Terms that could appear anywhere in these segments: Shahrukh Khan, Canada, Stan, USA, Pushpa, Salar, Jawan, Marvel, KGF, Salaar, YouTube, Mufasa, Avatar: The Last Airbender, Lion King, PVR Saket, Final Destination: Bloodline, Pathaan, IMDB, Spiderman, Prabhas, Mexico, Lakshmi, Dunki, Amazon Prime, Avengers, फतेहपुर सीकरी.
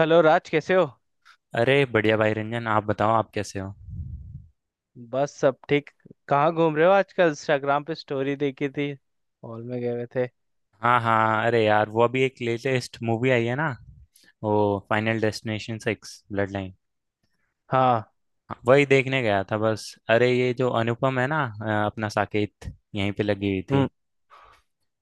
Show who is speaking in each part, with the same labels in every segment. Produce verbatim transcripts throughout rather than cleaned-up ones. Speaker 1: Hello Raj, कैसे हो?
Speaker 2: अरे बढ़िया भाई रंजन। आप बताओ, आप कैसे हो?
Speaker 1: बस, सब ठीक। कहाँ घूम रहे हो आजकल? इंस्टाग्राम पे स्टोरी देखी थी। हॉल में गए हुए थे?
Speaker 2: हाँ हाँ, अरे यार वो अभी एक लेटेस्ट मूवी आई है ना, वो Final Destination six Bloodline.
Speaker 1: हाँ।
Speaker 2: वही देखने गया था बस। अरे ये जो अनुपम है ना, अ, अपना साकेत यहीं पे लगी हुई थी।
Speaker 1: हम्म।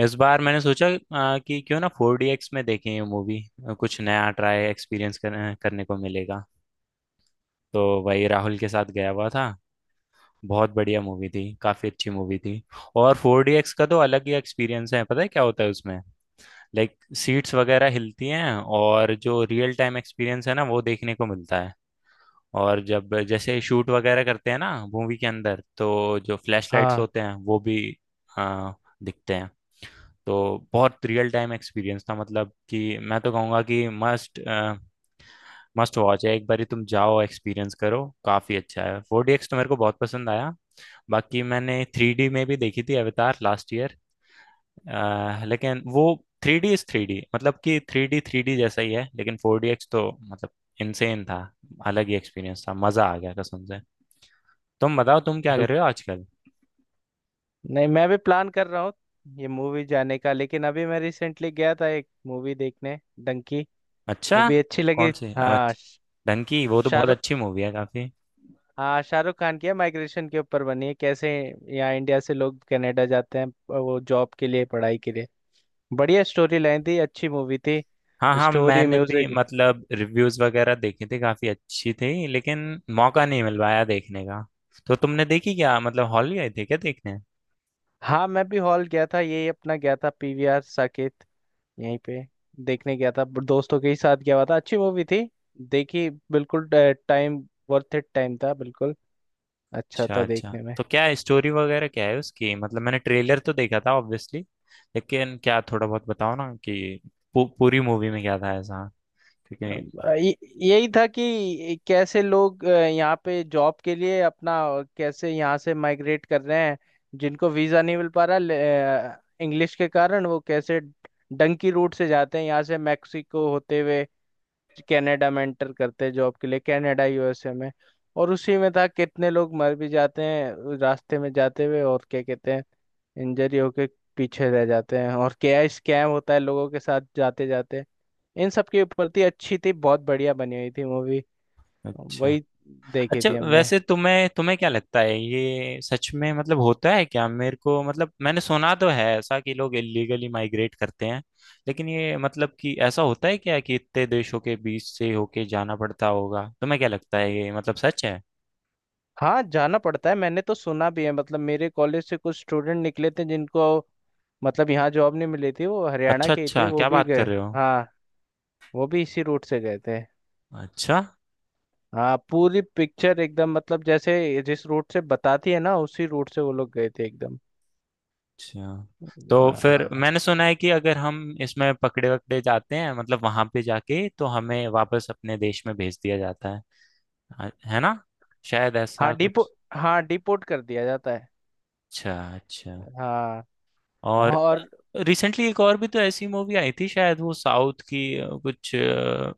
Speaker 2: इस बार मैंने सोचा अ, कि क्यों ना फोर डी एक्स में देखें ये मूवी। कुछ नया ट्राई एक्सपीरियंस कर, करने को मिलेगा। तो वही राहुल के साथ गया हुआ था। बहुत बढ़िया मूवी थी, काफ़ी अच्छी मूवी थी। और फोर डी एक्स का तो अलग ही एक्सपीरियंस है। पता है क्या होता है उसमें? लाइक सीट्स वगैरह हिलती हैं। और जो रियल टाइम एक्सपीरियंस है ना, वो देखने को मिलता है। और जब जैसे शूट वगैरह करते हैं ना मूवी के अंदर, तो जो फ्लैश लाइट्स
Speaker 1: हाँ,
Speaker 2: होते हैं वो भी आ, दिखते हैं। तो बहुत रियल टाइम एक्सपीरियंस था, मतलब कि मैं तो कहूँगा कि मस्ट मस्ट वॉच है। एक बार तुम जाओ, एक्सपीरियंस करो, काफ़ी अच्छा है फोर डी एक्स, तो मेरे को बहुत पसंद आया। बाकी मैंने थ्री डी में भी देखी थी अवतार लास्ट ईयर। अह, लेकिन वो three D is three D, मतलब कि थ्री डी थ्री डी जैसा ही है, लेकिन फोर डी एक्स तो मतलब इनसेन था। अलग ही एक्सपीरियंस था, मजा आ गया कसम से। तुम बताओ, तुम क्या कर रहे हो
Speaker 1: बिल्कुल।
Speaker 2: आजकल?
Speaker 1: नहीं, मैं भी प्लान कर रहा हूँ ये मूवी जाने का, लेकिन अभी मैं रिसेंटली गया था एक मूवी देखने। डंकी।
Speaker 2: अच्छा।
Speaker 1: वो भी अच्छी लगी।
Speaker 2: कौन सी
Speaker 1: हाँ,
Speaker 2: अच्छ-
Speaker 1: श-
Speaker 2: डंकी? वो तो बहुत
Speaker 1: शाहरुख।
Speaker 2: अच्छी मूवी है काफी।
Speaker 1: हाँ, शाहरुख खान की है, माइग्रेशन के ऊपर बनी है कैसे यहाँ इंडिया से लोग कनाडा जाते हैं, अ, वो जॉब के लिए, पढ़ाई के लिए। बढ़िया स्टोरी लाइन थी, अच्छी मूवी थी।
Speaker 2: हाँ हाँ,
Speaker 1: स्टोरी,
Speaker 2: मैंने भी
Speaker 1: म्यूजिक।
Speaker 2: मतलब रिव्यूज वगैरह देखे थे, काफी अच्छी थी, लेकिन मौका नहीं मिल पाया देखने का। तो तुमने देखी क्या? मतलब हॉल गए थे क्या देखने?
Speaker 1: हाँ, मैं भी हॉल गया था, यही अपना गया था पीवीआर साकेत, यहीं पे देखने गया था, ब- दोस्तों के ही साथ गया हुआ था, अच्छी मूवी थी, देखी बिल्कुल। टाइम वर्थ इट टाइम था, बिल्कुल अच्छा
Speaker 2: अच्छा
Speaker 1: था
Speaker 2: अच्छा,
Speaker 1: देखने में।
Speaker 2: तो क्या है स्टोरी वगैरह क्या है उसकी? मतलब मैंने ट्रेलर तो देखा था ऑब्वियसली। लेकिन क्या थोड़ा बहुत बताओ ना, कि पू, पूरी मूवी में क्या था ऐसा, क्योंकि।
Speaker 1: अब अ, ये- यही था कि कैसे लोग अ, यहाँ पे जॉब के लिए अपना, अ, कैसे यहाँ से माइग्रेट कर रहे हैं, जिनको वीज़ा नहीं मिल पा रहा इंग्लिश के कारण, वो कैसे डंकी रूट से जाते हैं यहाँ से मैक्सिको होते हुए कनाडा में एंटर करते हैं जॉब के लिए, कनाडा, यूएसए में। और उसी में था कितने लोग मर भी जाते हैं रास्ते में जाते हुए, और क्या कहते हैं, इंजरी होके पीछे रह जाते हैं, और क्या स्कैम होता है लोगों के साथ जाते जाते, इन सब के ऊपर थी। अच्छी थी, बहुत बढ़िया बनी हुई थी मूवी।
Speaker 2: अच्छा
Speaker 1: वही देखी
Speaker 2: अच्छा।
Speaker 1: थी हमने।
Speaker 2: वैसे तुम्हें तुम्हें क्या लगता है, ये सच में मतलब होता है क्या? मेरे को मतलब मैंने सुना तो है ऐसा, कि लोग इलीगली माइग्रेट करते हैं। लेकिन ये मतलब कि ऐसा होता है क्या, कि इतने देशों के बीच से होके जाना पड़ता होगा? तुम्हें क्या लगता है, ये मतलब सच है?
Speaker 1: हाँ, जाना पड़ता है, मैंने तो सुना भी है। मतलब मेरे कॉलेज से कुछ स्टूडेंट निकले थे जिनको मतलब यहाँ जॉब नहीं मिली थी, वो हरियाणा
Speaker 2: अच्छा
Speaker 1: के ही थे,
Speaker 2: अच्छा,
Speaker 1: वो
Speaker 2: क्या
Speaker 1: भी
Speaker 2: बात कर
Speaker 1: गए।
Speaker 2: रहे हो।
Speaker 1: हाँ, वो भी इसी रूट से गए थे।
Speaker 2: अच्छा
Speaker 1: हाँ, पूरी पिक्चर एकदम, मतलब जैसे जिस रूट से बताती है ना उसी रूट से वो लोग गए थे एकदम।
Speaker 2: अच्छा। तो फिर
Speaker 1: हाँ
Speaker 2: मैंने सुना है कि अगर हम इसमें पकड़े वकड़े जाते हैं, मतलब वहां पे जाके, तो हमें वापस अपने देश में भेज दिया जाता है, आ- है ना? शायद
Speaker 1: हाँ,
Speaker 2: ऐसा
Speaker 1: डिपो
Speaker 2: कुछ।
Speaker 1: हाँ, डिपोर्ट कर दिया जाता है।
Speaker 2: अच्छा अच्छा।
Speaker 1: हाँ।
Speaker 2: और
Speaker 1: और।
Speaker 2: रिसेंटली एक और भी तो ऐसी मूवी आई थी, शायद वो साउथ की अ, कुछ अ,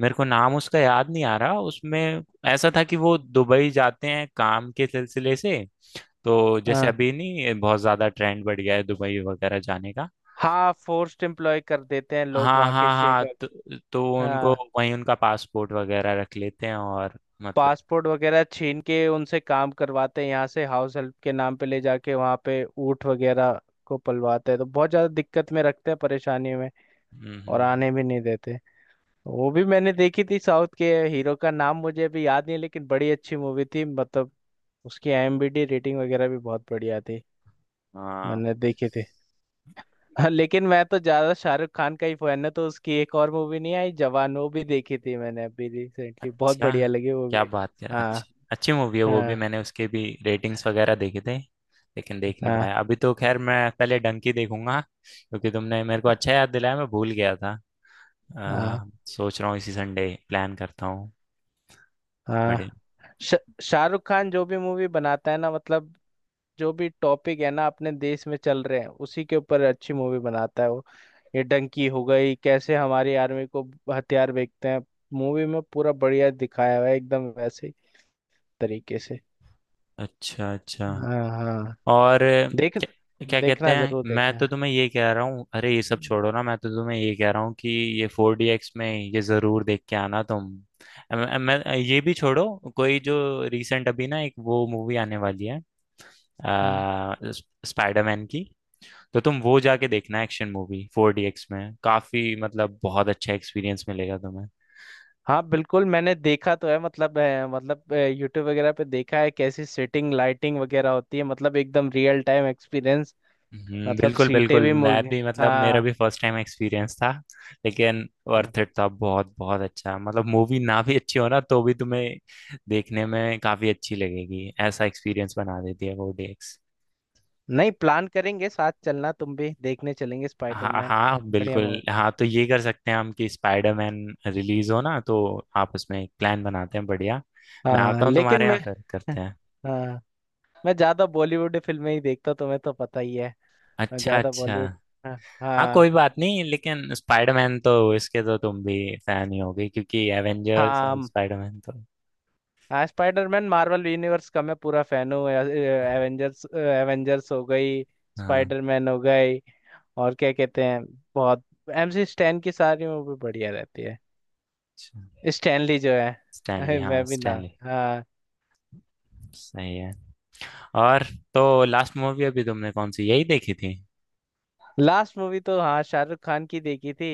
Speaker 2: मेरे को नाम उसका याद नहीं आ रहा। उसमें ऐसा था कि वो दुबई जाते हैं काम के सिलसिले से। तो जैसे
Speaker 1: हाँ
Speaker 2: अभी नहीं, बहुत ज्यादा ट्रेंड बढ़ गया है दुबई वगैरह जाने का।
Speaker 1: हाँ, फोर्स्ड एम्प्लॉय कर देते हैं लोग,
Speaker 2: हाँ
Speaker 1: वहाँ के
Speaker 2: हाँ
Speaker 1: शेख
Speaker 2: हाँ, तो,
Speaker 1: अगर।
Speaker 2: तो उनको
Speaker 1: हाँ,
Speaker 2: वहीं उनका पासपोर्ट वगैरह रख लेते हैं, और मतलब।
Speaker 1: पासपोर्ट वगैरह छीन के उनसे काम करवाते हैं, यहाँ से हाउस हेल्प के नाम पे ले जाके वहाँ पे ऊँट वगैरह को पलवाते हैं, तो बहुत ज़्यादा दिक्कत में रखते हैं, परेशानी में।
Speaker 2: हम्म
Speaker 1: और
Speaker 2: हम्म, हम्म।
Speaker 1: आने भी नहीं देते। वो भी मैंने देखी थी, साउथ के। हीरो का नाम मुझे अभी याद नहीं है लेकिन बड़ी अच्छी मूवी थी, मतलब उसकी आईएमबी रेटिंग वगैरह भी बहुत बढ़िया थी।
Speaker 2: हाँ।
Speaker 1: मैंने देखी थी। हाँ, लेकिन मैं तो ज्यादा शाहरुख खान का ही फैन है, तो उसकी एक और मूवी नहीं आई जवान, वो भी देखी थी मैंने अभी रिसेंटली, बहुत
Speaker 2: अच्छा,
Speaker 1: बढ़िया लगी वो
Speaker 2: क्या
Speaker 1: भी।
Speaker 2: बात कर।
Speaker 1: हाँ,
Speaker 2: अच्छी। अच्छी मूवी है वो भी,
Speaker 1: हाँ,
Speaker 2: मैंने उसके भी रेटिंग्स वगैरह देखे थे। लेकिन देख नहीं
Speaker 1: हाँ,
Speaker 2: पाया अभी, तो खैर मैं पहले डंकी देखूंगा। क्योंकि तुमने मेरे को अच्छा याद दिलाया, मैं भूल गया था।
Speaker 1: हाँ,
Speaker 2: आ, सोच रहा हूँ इसी संडे प्लान करता हूँ।
Speaker 1: हाँ,
Speaker 2: बड़े।
Speaker 1: श- शाहरुख खान जो भी मूवी बनाता है ना, मतलब जो भी टॉपिक है ना अपने देश में चल रहे हैं, उसी के ऊपर अच्छी मूवी बनाता है वो। ये डंकी हो गई, कैसे हमारी आर्मी को हथियार बेचते हैं, मूवी में पूरा बढ़िया दिखाया हुआ है, एकदम वैसे ही तरीके से।
Speaker 2: अच्छा अच्छा।
Speaker 1: हाँ हाँ।
Speaker 2: और
Speaker 1: देख
Speaker 2: क्या, क्या कहते
Speaker 1: देखना,
Speaker 2: हैं,
Speaker 1: जरूर
Speaker 2: मैं
Speaker 1: देखना।
Speaker 2: तो तुम्हें ये कह रहा हूँ, अरे ये सब छोड़ो ना। मैं तो तुम्हें ये कह रहा हूँ कि ये फोर डी एक्स में ये जरूर देख के आना तुम। अम- अम- मैं ये भी छोड़ो, कोई जो रिसेंट अभी ना एक वो मूवी आने वाली है,
Speaker 1: हम्म।
Speaker 2: आ, स्प- स्पाइडरमैन की। तो तुम वो जाके देखना, action movie four D X में काफी मतलब बहुत अच्छा एक्सपीरियंस मिलेगा तुम्हें।
Speaker 1: हाँ, बिल्कुल, मैंने देखा तो है, मतलब, अ, मतलब यूट्यूब वगैरह पे देखा है कैसी सेटिंग, लाइटिंग वगैरह होती है, मतलब एकदम रियल टाइम एक्सपीरियंस।
Speaker 2: हम्म,
Speaker 1: मतलब
Speaker 2: बिल्कुल
Speaker 1: सीटें
Speaker 2: बिल्कुल,
Speaker 1: भी मु-
Speaker 2: मैं भी मतलब मेरा
Speaker 1: हाँ।
Speaker 2: भी फर्स्ट टाइम एक्सपीरियंस था। लेकिन वर्थ इट था, बहुत बहुत अच्छा। मतलब मूवी ना भी अच्छी हो ना, तो भी तुम्हें देखने में काफी अच्छी लगेगी, ऐसा एक्सपीरियंस बना देती है वो D X।
Speaker 1: नहीं, प्लान करेंगे, साथ चलना, तुम भी देखने चलेंगे
Speaker 2: हाँ
Speaker 1: स्पाइडरमैन,
Speaker 2: हाँ
Speaker 1: बढ़िया
Speaker 2: बिल्कुल
Speaker 1: मूवी।
Speaker 2: हाँ, तो ये कर सकते हैं हम कि स्पाइडरमैन रिलीज हो ना, तो आप उसमें एक प्लान बनाते हैं, बढ़िया। मैं
Speaker 1: हाँ,
Speaker 2: आता हूँ
Speaker 1: लेकिन
Speaker 2: तुम्हारे यहाँ,
Speaker 1: मैं
Speaker 2: फिर करते हैं।
Speaker 1: हाँ, मैं ज्यादा बॉलीवुड फिल्में ही देखता हूँ, तुम्हें तो पता ही है। मैं
Speaker 2: अच्छा
Speaker 1: ज्यादा
Speaker 2: अच्छा।
Speaker 1: बॉलीवुड। हाँ
Speaker 2: हाँ
Speaker 1: हाँ
Speaker 2: कोई बात नहीं, लेकिन स्पाइडरमैन तो, इसके तो तुम भी फैन ही होगे क्योंकि एवेंजर्स और
Speaker 1: हाँ।
Speaker 2: स्पाइडरमैन तो।
Speaker 1: हाँ, स्पाइडरमैन, मार्वल यूनिवर्स का मैं पूरा फैन हूँ। एवेंजर्स एवेंजर्स हो गई,
Speaker 2: हाँ।
Speaker 1: स्पाइडरमैन हो गई, और क्या कहते हैं, बहुत। एमसी स्टैन की सारी मूवी बढ़िया रहती है।
Speaker 2: अच्छा।
Speaker 1: स्टैनली जो है।
Speaker 2: स्टैनली,
Speaker 1: अरे,
Speaker 2: हाँ
Speaker 1: मैं भी ना।
Speaker 2: स्टैनली।
Speaker 1: हाँ।
Speaker 2: सही है। और तो लास्ट मूवी अभी तुमने कौन सी यही देखी थी?
Speaker 1: लास्ट मूवी तो हाँ, शाहरुख खान की देखी थी।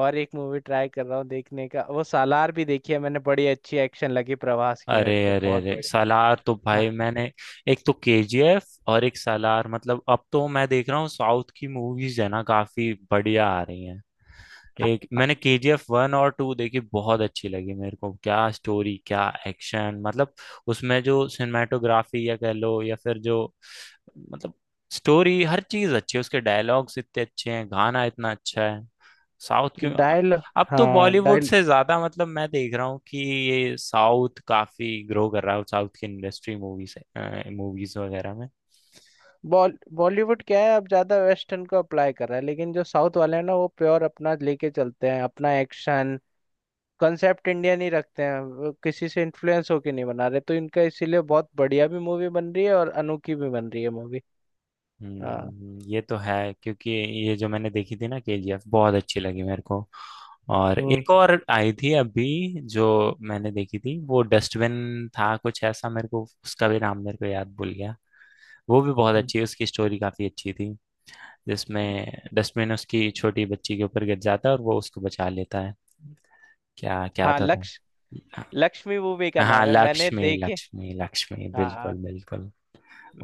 Speaker 1: और एक मूवी ट्राई कर रहा हूँ देखने का, वो सालार भी देखी है मैंने, बड़ी अच्छी एक्शन लगी, प्रभास की,
Speaker 2: अरे
Speaker 1: मेरे को
Speaker 2: अरे
Speaker 1: बहुत
Speaker 2: अरे,
Speaker 1: बड़ी।
Speaker 2: सालार तो
Speaker 1: हाँ,
Speaker 2: भाई मैंने, एक तो केजीएफ और एक सालार, मतलब अब तो मैं देख रहा हूँ साउथ की मूवीज है ना, काफी बढ़िया आ रही हैं। एक मैंने के जी एफ वन और टू देखी, बहुत अच्छी लगी मेरे को। क्या स्टोरी, क्या एक्शन, मतलब उसमें जो सिनेमाटोग्राफी या कह लो, या फिर जो मतलब स्टोरी, हर चीज अच्छी है। उसके डायलॉग्स इतने अच्छे हैं, गाना इतना अच्छा है। साउथ क्यों,
Speaker 1: डायल
Speaker 2: अब तो
Speaker 1: हाँ,
Speaker 2: बॉलीवुड
Speaker 1: डायल
Speaker 2: से ज्यादा मतलब मैं देख रहा हूँ कि ये साउथ काफी ग्रो कर रहा है, साउथ की इंडस्ट्री मूवी से मूवीज वगैरह में।
Speaker 1: बॉल बॉलीवुड क्या है, अब ज्यादा वेस्टर्न को अप्लाई कर रहा है, लेकिन जो साउथ वाले हैं ना, वो प्योर अपना लेके चलते हैं, अपना एक्शन कंसेप्ट इंडियन ही रखते हैं, वो किसी से इन्फ्लुएंस होके नहीं बना रहे, तो इनका इसीलिए बहुत बढ़िया भी मूवी बन रही है, और अनोखी भी बन रही है मूवी। हाँ।
Speaker 2: हम्म, ये तो है क्योंकि ये जो मैंने देखी थी ना केजीएफ, बहुत अच्छी लगी मेरे को। और
Speaker 1: हम्म
Speaker 2: एक और आई थी अभी, जो मैंने देखी थी, वो डस्टबिन था कुछ ऐसा, मेरे को उसका भी नाम, मेरे को याद भूल गया। वो भी बहुत
Speaker 1: हम्म।
Speaker 2: अच्छी, उसकी स्टोरी काफी अच्छी थी। जिसमें डस्टबिन उसकी छोटी बच्ची के ऊपर गिर जाता है और वो उसको बचा लेता है। क्या क्या
Speaker 1: हाँ,
Speaker 2: तो था।
Speaker 1: लक्ष्य लक्ष्मी मूवी का
Speaker 2: हाँ
Speaker 1: नाम है, मैंने
Speaker 2: लक्ष्मी,
Speaker 1: देखे।
Speaker 2: लक्ष्मी लक्ष्मी, बिल्कुल
Speaker 1: हाँ,
Speaker 2: बिल्कुल।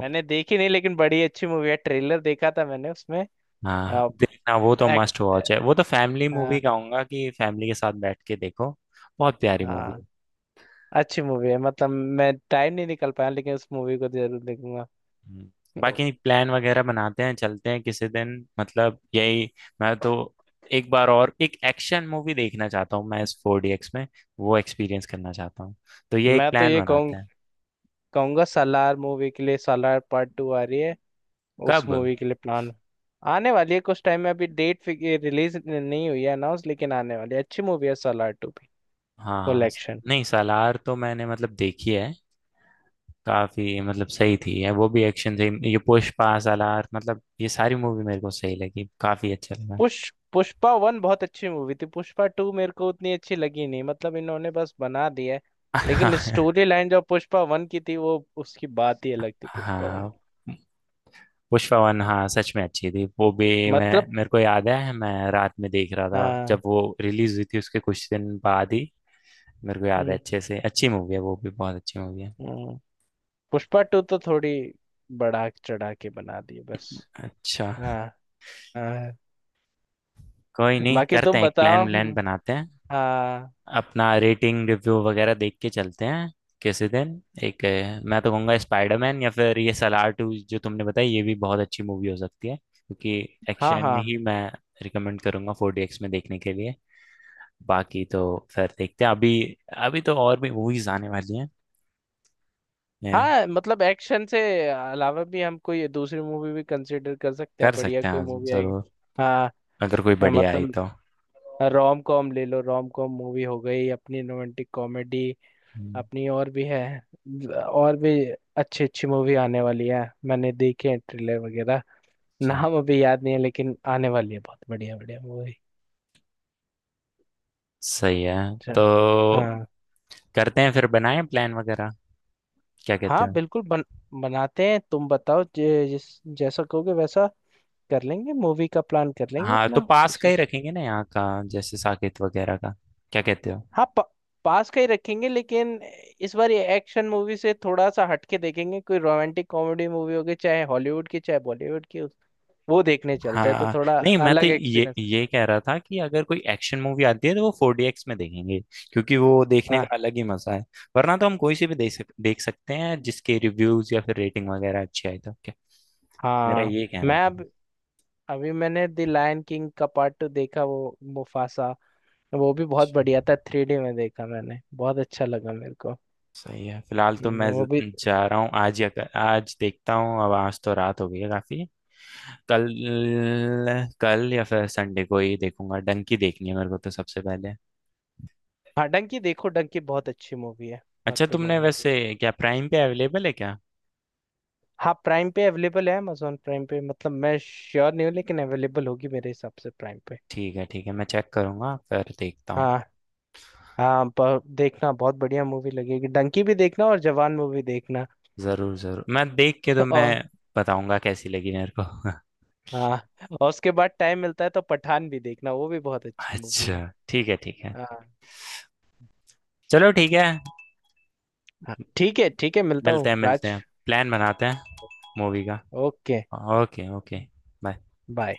Speaker 1: मैंने देखी नहीं, लेकिन बड़ी अच्छी मूवी है, ट्रेलर देखा था मैंने उसमें।
Speaker 2: हाँ
Speaker 1: आ,
Speaker 2: देखना, वो तो
Speaker 1: एक्ट
Speaker 2: मस्ट वॉच है। वो तो फैमिली मूवी
Speaker 1: हाँ
Speaker 2: कहूंगा, कि फैमिली के साथ बैठ के देखो। बहुत प्यारी मूवी
Speaker 1: हाँ।
Speaker 2: है।
Speaker 1: अच्छी मूवी है, मतलब मैं टाइम नहीं निकल पाया, लेकिन उस मूवी को जरूर देखूंगा।
Speaker 2: हम्म।
Speaker 1: ओ,
Speaker 2: बाकी प्लान वगैरह बनाते हैं, चलते हैं किसी दिन, मतलब यही। मैं तो एक बार और एक एक्शन मूवी देखना चाहता हूँ, मैं इस फोर डी एक्स में वो एक्सपीरियंस करना चाहता हूँ। तो ये एक
Speaker 1: मैं तो
Speaker 2: प्लान
Speaker 1: ये कहूँ
Speaker 2: बनाते हैं।
Speaker 1: कहूंगा, सालार मूवी के लिए, सालार पार्ट टू आ रही है, उस
Speaker 2: कब?
Speaker 1: मूवी के लिए प्लान। आने वाली है कुछ टाइम में, अभी डेट रिलीज नहीं हुई है अनाउंस, लेकिन आने वाली है, अच्छी मूवी है सालार टू भी।
Speaker 2: हाँ
Speaker 1: फुल
Speaker 2: हाँ।
Speaker 1: एक्शन।
Speaker 2: नहीं सालार तो मैंने मतलब देखी है, काफी मतलब सही थी है, वो भी एक्शन थी ये पुष्पा सालार, मतलब ये सारी मूवी मेरे को सही लगी, काफी अच्छा लगा।
Speaker 1: पुष पुष्पा वन बहुत अच्छी मूवी थी, पुष्पा टू मेरे को उतनी अच्छी लगी नहीं, मतलब इन्होंने बस बना दिया है। लेकिन स्टोरी लाइन जो पुष्पा वन की थी, वो उसकी बात ही
Speaker 2: हाँ
Speaker 1: अलग थी, पुष्पा वन,
Speaker 2: हाँ, पुष्पा वन हाँ सच में अच्छी थी वो भी। मैं,
Speaker 1: मतलब।
Speaker 2: मेरे को याद है मैं रात में देख रहा था जब
Speaker 1: हाँ।
Speaker 2: वो रिलीज हुई थी, उसके कुछ दिन बाद ही। मेरे को याद है
Speaker 1: हम्म,
Speaker 2: अच्छे से, अच्छी मूवी है वो भी, बहुत अच्छी मूवी है।
Speaker 1: हम्म। पुष्पा टू तो थोड़ी बढ़ा चढ़ा के बना दिए बस।
Speaker 2: अच्छा।
Speaker 1: हाँ हाँ।
Speaker 2: कोई नहीं,
Speaker 1: बाकी
Speaker 2: करते
Speaker 1: तुम
Speaker 2: हैं एक प्लान
Speaker 1: बताओ।
Speaker 2: व्लान
Speaker 1: हम्म,
Speaker 2: बनाते हैं।
Speaker 1: हाँ
Speaker 2: अपना रेटिंग रिव्यू वगैरह देख के चलते हैं किसी दिन। एक अ, मैं तो कहूँगा स्पाइडरमैन या फिर ये सलार टू जो तुमने बताई, ये भी बहुत अच्छी मूवी हो सकती है, क्योंकि
Speaker 1: हाँ
Speaker 2: एक्शन
Speaker 1: हाँ।
Speaker 2: ही मैं रिकमेंड करूँगा फोर डी एक्स में देखने के लिए। बाकी तो फिर देखते हैं। अभी अभी तो और भी मूवीज आने वाली हैं, ये
Speaker 1: हाँ, मतलब एक्शन से अलावा भी हम कोई दूसरी मूवी भी कंसिडर कर सकते हैं,
Speaker 2: कर
Speaker 1: बढ़िया
Speaker 2: सकते हैं
Speaker 1: कोई
Speaker 2: आज
Speaker 1: मूवी आएगी।
Speaker 2: जरूर,
Speaker 1: हाँ,
Speaker 2: अगर कोई बढ़िया आई
Speaker 1: मतलब
Speaker 2: तो।
Speaker 1: रोम कॉम ले लो, रोम कॉम मूवी हो गई अपनी, रोमांटिक कॉमेडी
Speaker 2: हम्म,
Speaker 1: अपनी, और भी है, और भी अच्छी अच्छी मूवी आने वाली है, मैंने देखे हैं ट्रेलर वगैरह।
Speaker 2: अच्छा।
Speaker 1: नाम अभी याद नहीं है, लेकिन आने वाली है, बहुत बढ़िया बढ़िया मूवी।
Speaker 2: सही है,
Speaker 1: अच्छा।
Speaker 2: तो
Speaker 1: हाँ
Speaker 2: करते हैं फिर, बनाएं प्लान वगैरह। क्या कहते
Speaker 1: हाँ,
Speaker 2: हो?
Speaker 1: बिल्कुल, बन, बनाते हैं। तुम बताओ, जे- जिस जैसा कहोगे वैसा कर लेंगे, मूवी का प्लान कर लेंगे
Speaker 2: हाँ तो
Speaker 1: अपना
Speaker 2: पास का
Speaker 1: उसी।
Speaker 2: ही रखेंगे ना यहाँ का, जैसे साकेत वगैरह का, क्या कहते हो?
Speaker 1: हाँ, प, पास का ही रखेंगे, लेकिन इस बार ये एक्शन मूवी से थोड़ा सा हटके देखेंगे, कोई रोमांटिक कॉमेडी मूवी होगी, चाहे हॉलीवुड की चाहे बॉलीवुड की उस- वो, देखने चलते हैं तो
Speaker 2: हाँ
Speaker 1: थोड़ा
Speaker 2: नहीं, मैं तो
Speaker 1: अलग
Speaker 2: ये
Speaker 1: एक्सपीरियंस है।
Speaker 2: ये कह रहा था कि अगर कोई एक्शन मूवी आती है तो वो फोर डी एक्स में देखेंगे, क्योंकि वो देखने
Speaker 1: हाँ
Speaker 2: का अलग ही मजा है। वरना तो हम कोई सी भी देख सक, देख सकते हैं, जिसके रिव्यूज या फिर रेटिंग वगैरह अच्छी आई तो okay। मेरा
Speaker 1: हाँ।
Speaker 2: ये कहना
Speaker 1: मैं
Speaker 2: था।
Speaker 1: अब अभी मैंने द लायन किंग का पार्ट टू देखा, वो मुफासा, वो भी बहुत
Speaker 2: अच्छा,
Speaker 1: बढ़िया था, थ्री डी में देखा मैंने, बहुत अच्छा लगा मेरे को।
Speaker 2: सही है। फिलहाल तो
Speaker 1: हम्म,
Speaker 2: मैं ज-
Speaker 1: वो भी।
Speaker 2: जा रहा हूँ, आज या कल- आज देखता हूँ, अब आज तो रात हो गई है काफी। कल कल या फिर संडे को ही देखूंगा, डंकी देखनी है मेरे को तो सबसे पहले।
Speaker 1: हाँ, डंकी देखो, डंकी बहुत अच्छी मूवी है, बहुत
Speaker 2: अच्छा
Speaker 1: बढ़िया
Speaker 2: तुमने
Speaker 1: मूवी।
Speaker 2: वैसे, क्या प्राइम पे अवेलेबल है क्या?
Speaker 1: हाँ, प्राइम पे अवेलेबल है, अमेजोन प्राइम पे, मतलब मैं श्योर नहीं हूँ, लेकिन अवेलेबल होगी मेरे हिसाब से प्राइम पे।
Speaker 2: ठीक है ठीक है, मैं चेक करूंगा फिर देखता हूँ।
Speaker 1: हाँ हाँ, ब- देखना, बहुत बढ़िया मूवी लगेगी, डंकी भी देखना, और जवान मूवी देखना।
Speaker 2: जरूर जरूर, मैं देख के तो मैं
Speaker 1: और,
Speaker 2: बताऊंगा कैसी लगी मेरे को।
Speaker 1: हाँ, और उसके बाद टाइम मिलता है तो पठान भी देखना, वो भी बहुत अच्छी मूवी
Speaker 2: अच्छा
Speaker 1: है।
Speaker 2: ठीक है ठीक है।
Speaker 1: हाँ।
Speaker 2: चलो ठीक है,
Speaker 1: हाँ, ठीक है, ठीक है, मिलता
Speaker 2: मिलते
Speaker 1: हूँ
Speaker 2: हैं मिलते
Speaker 1: राज।
Speaker 2: हैं, प्लान बनाते हैं मूवी का।
Speaker 1: Okay.
Speaker 2: Okay okay. Bye.
Speaker 1: Bye.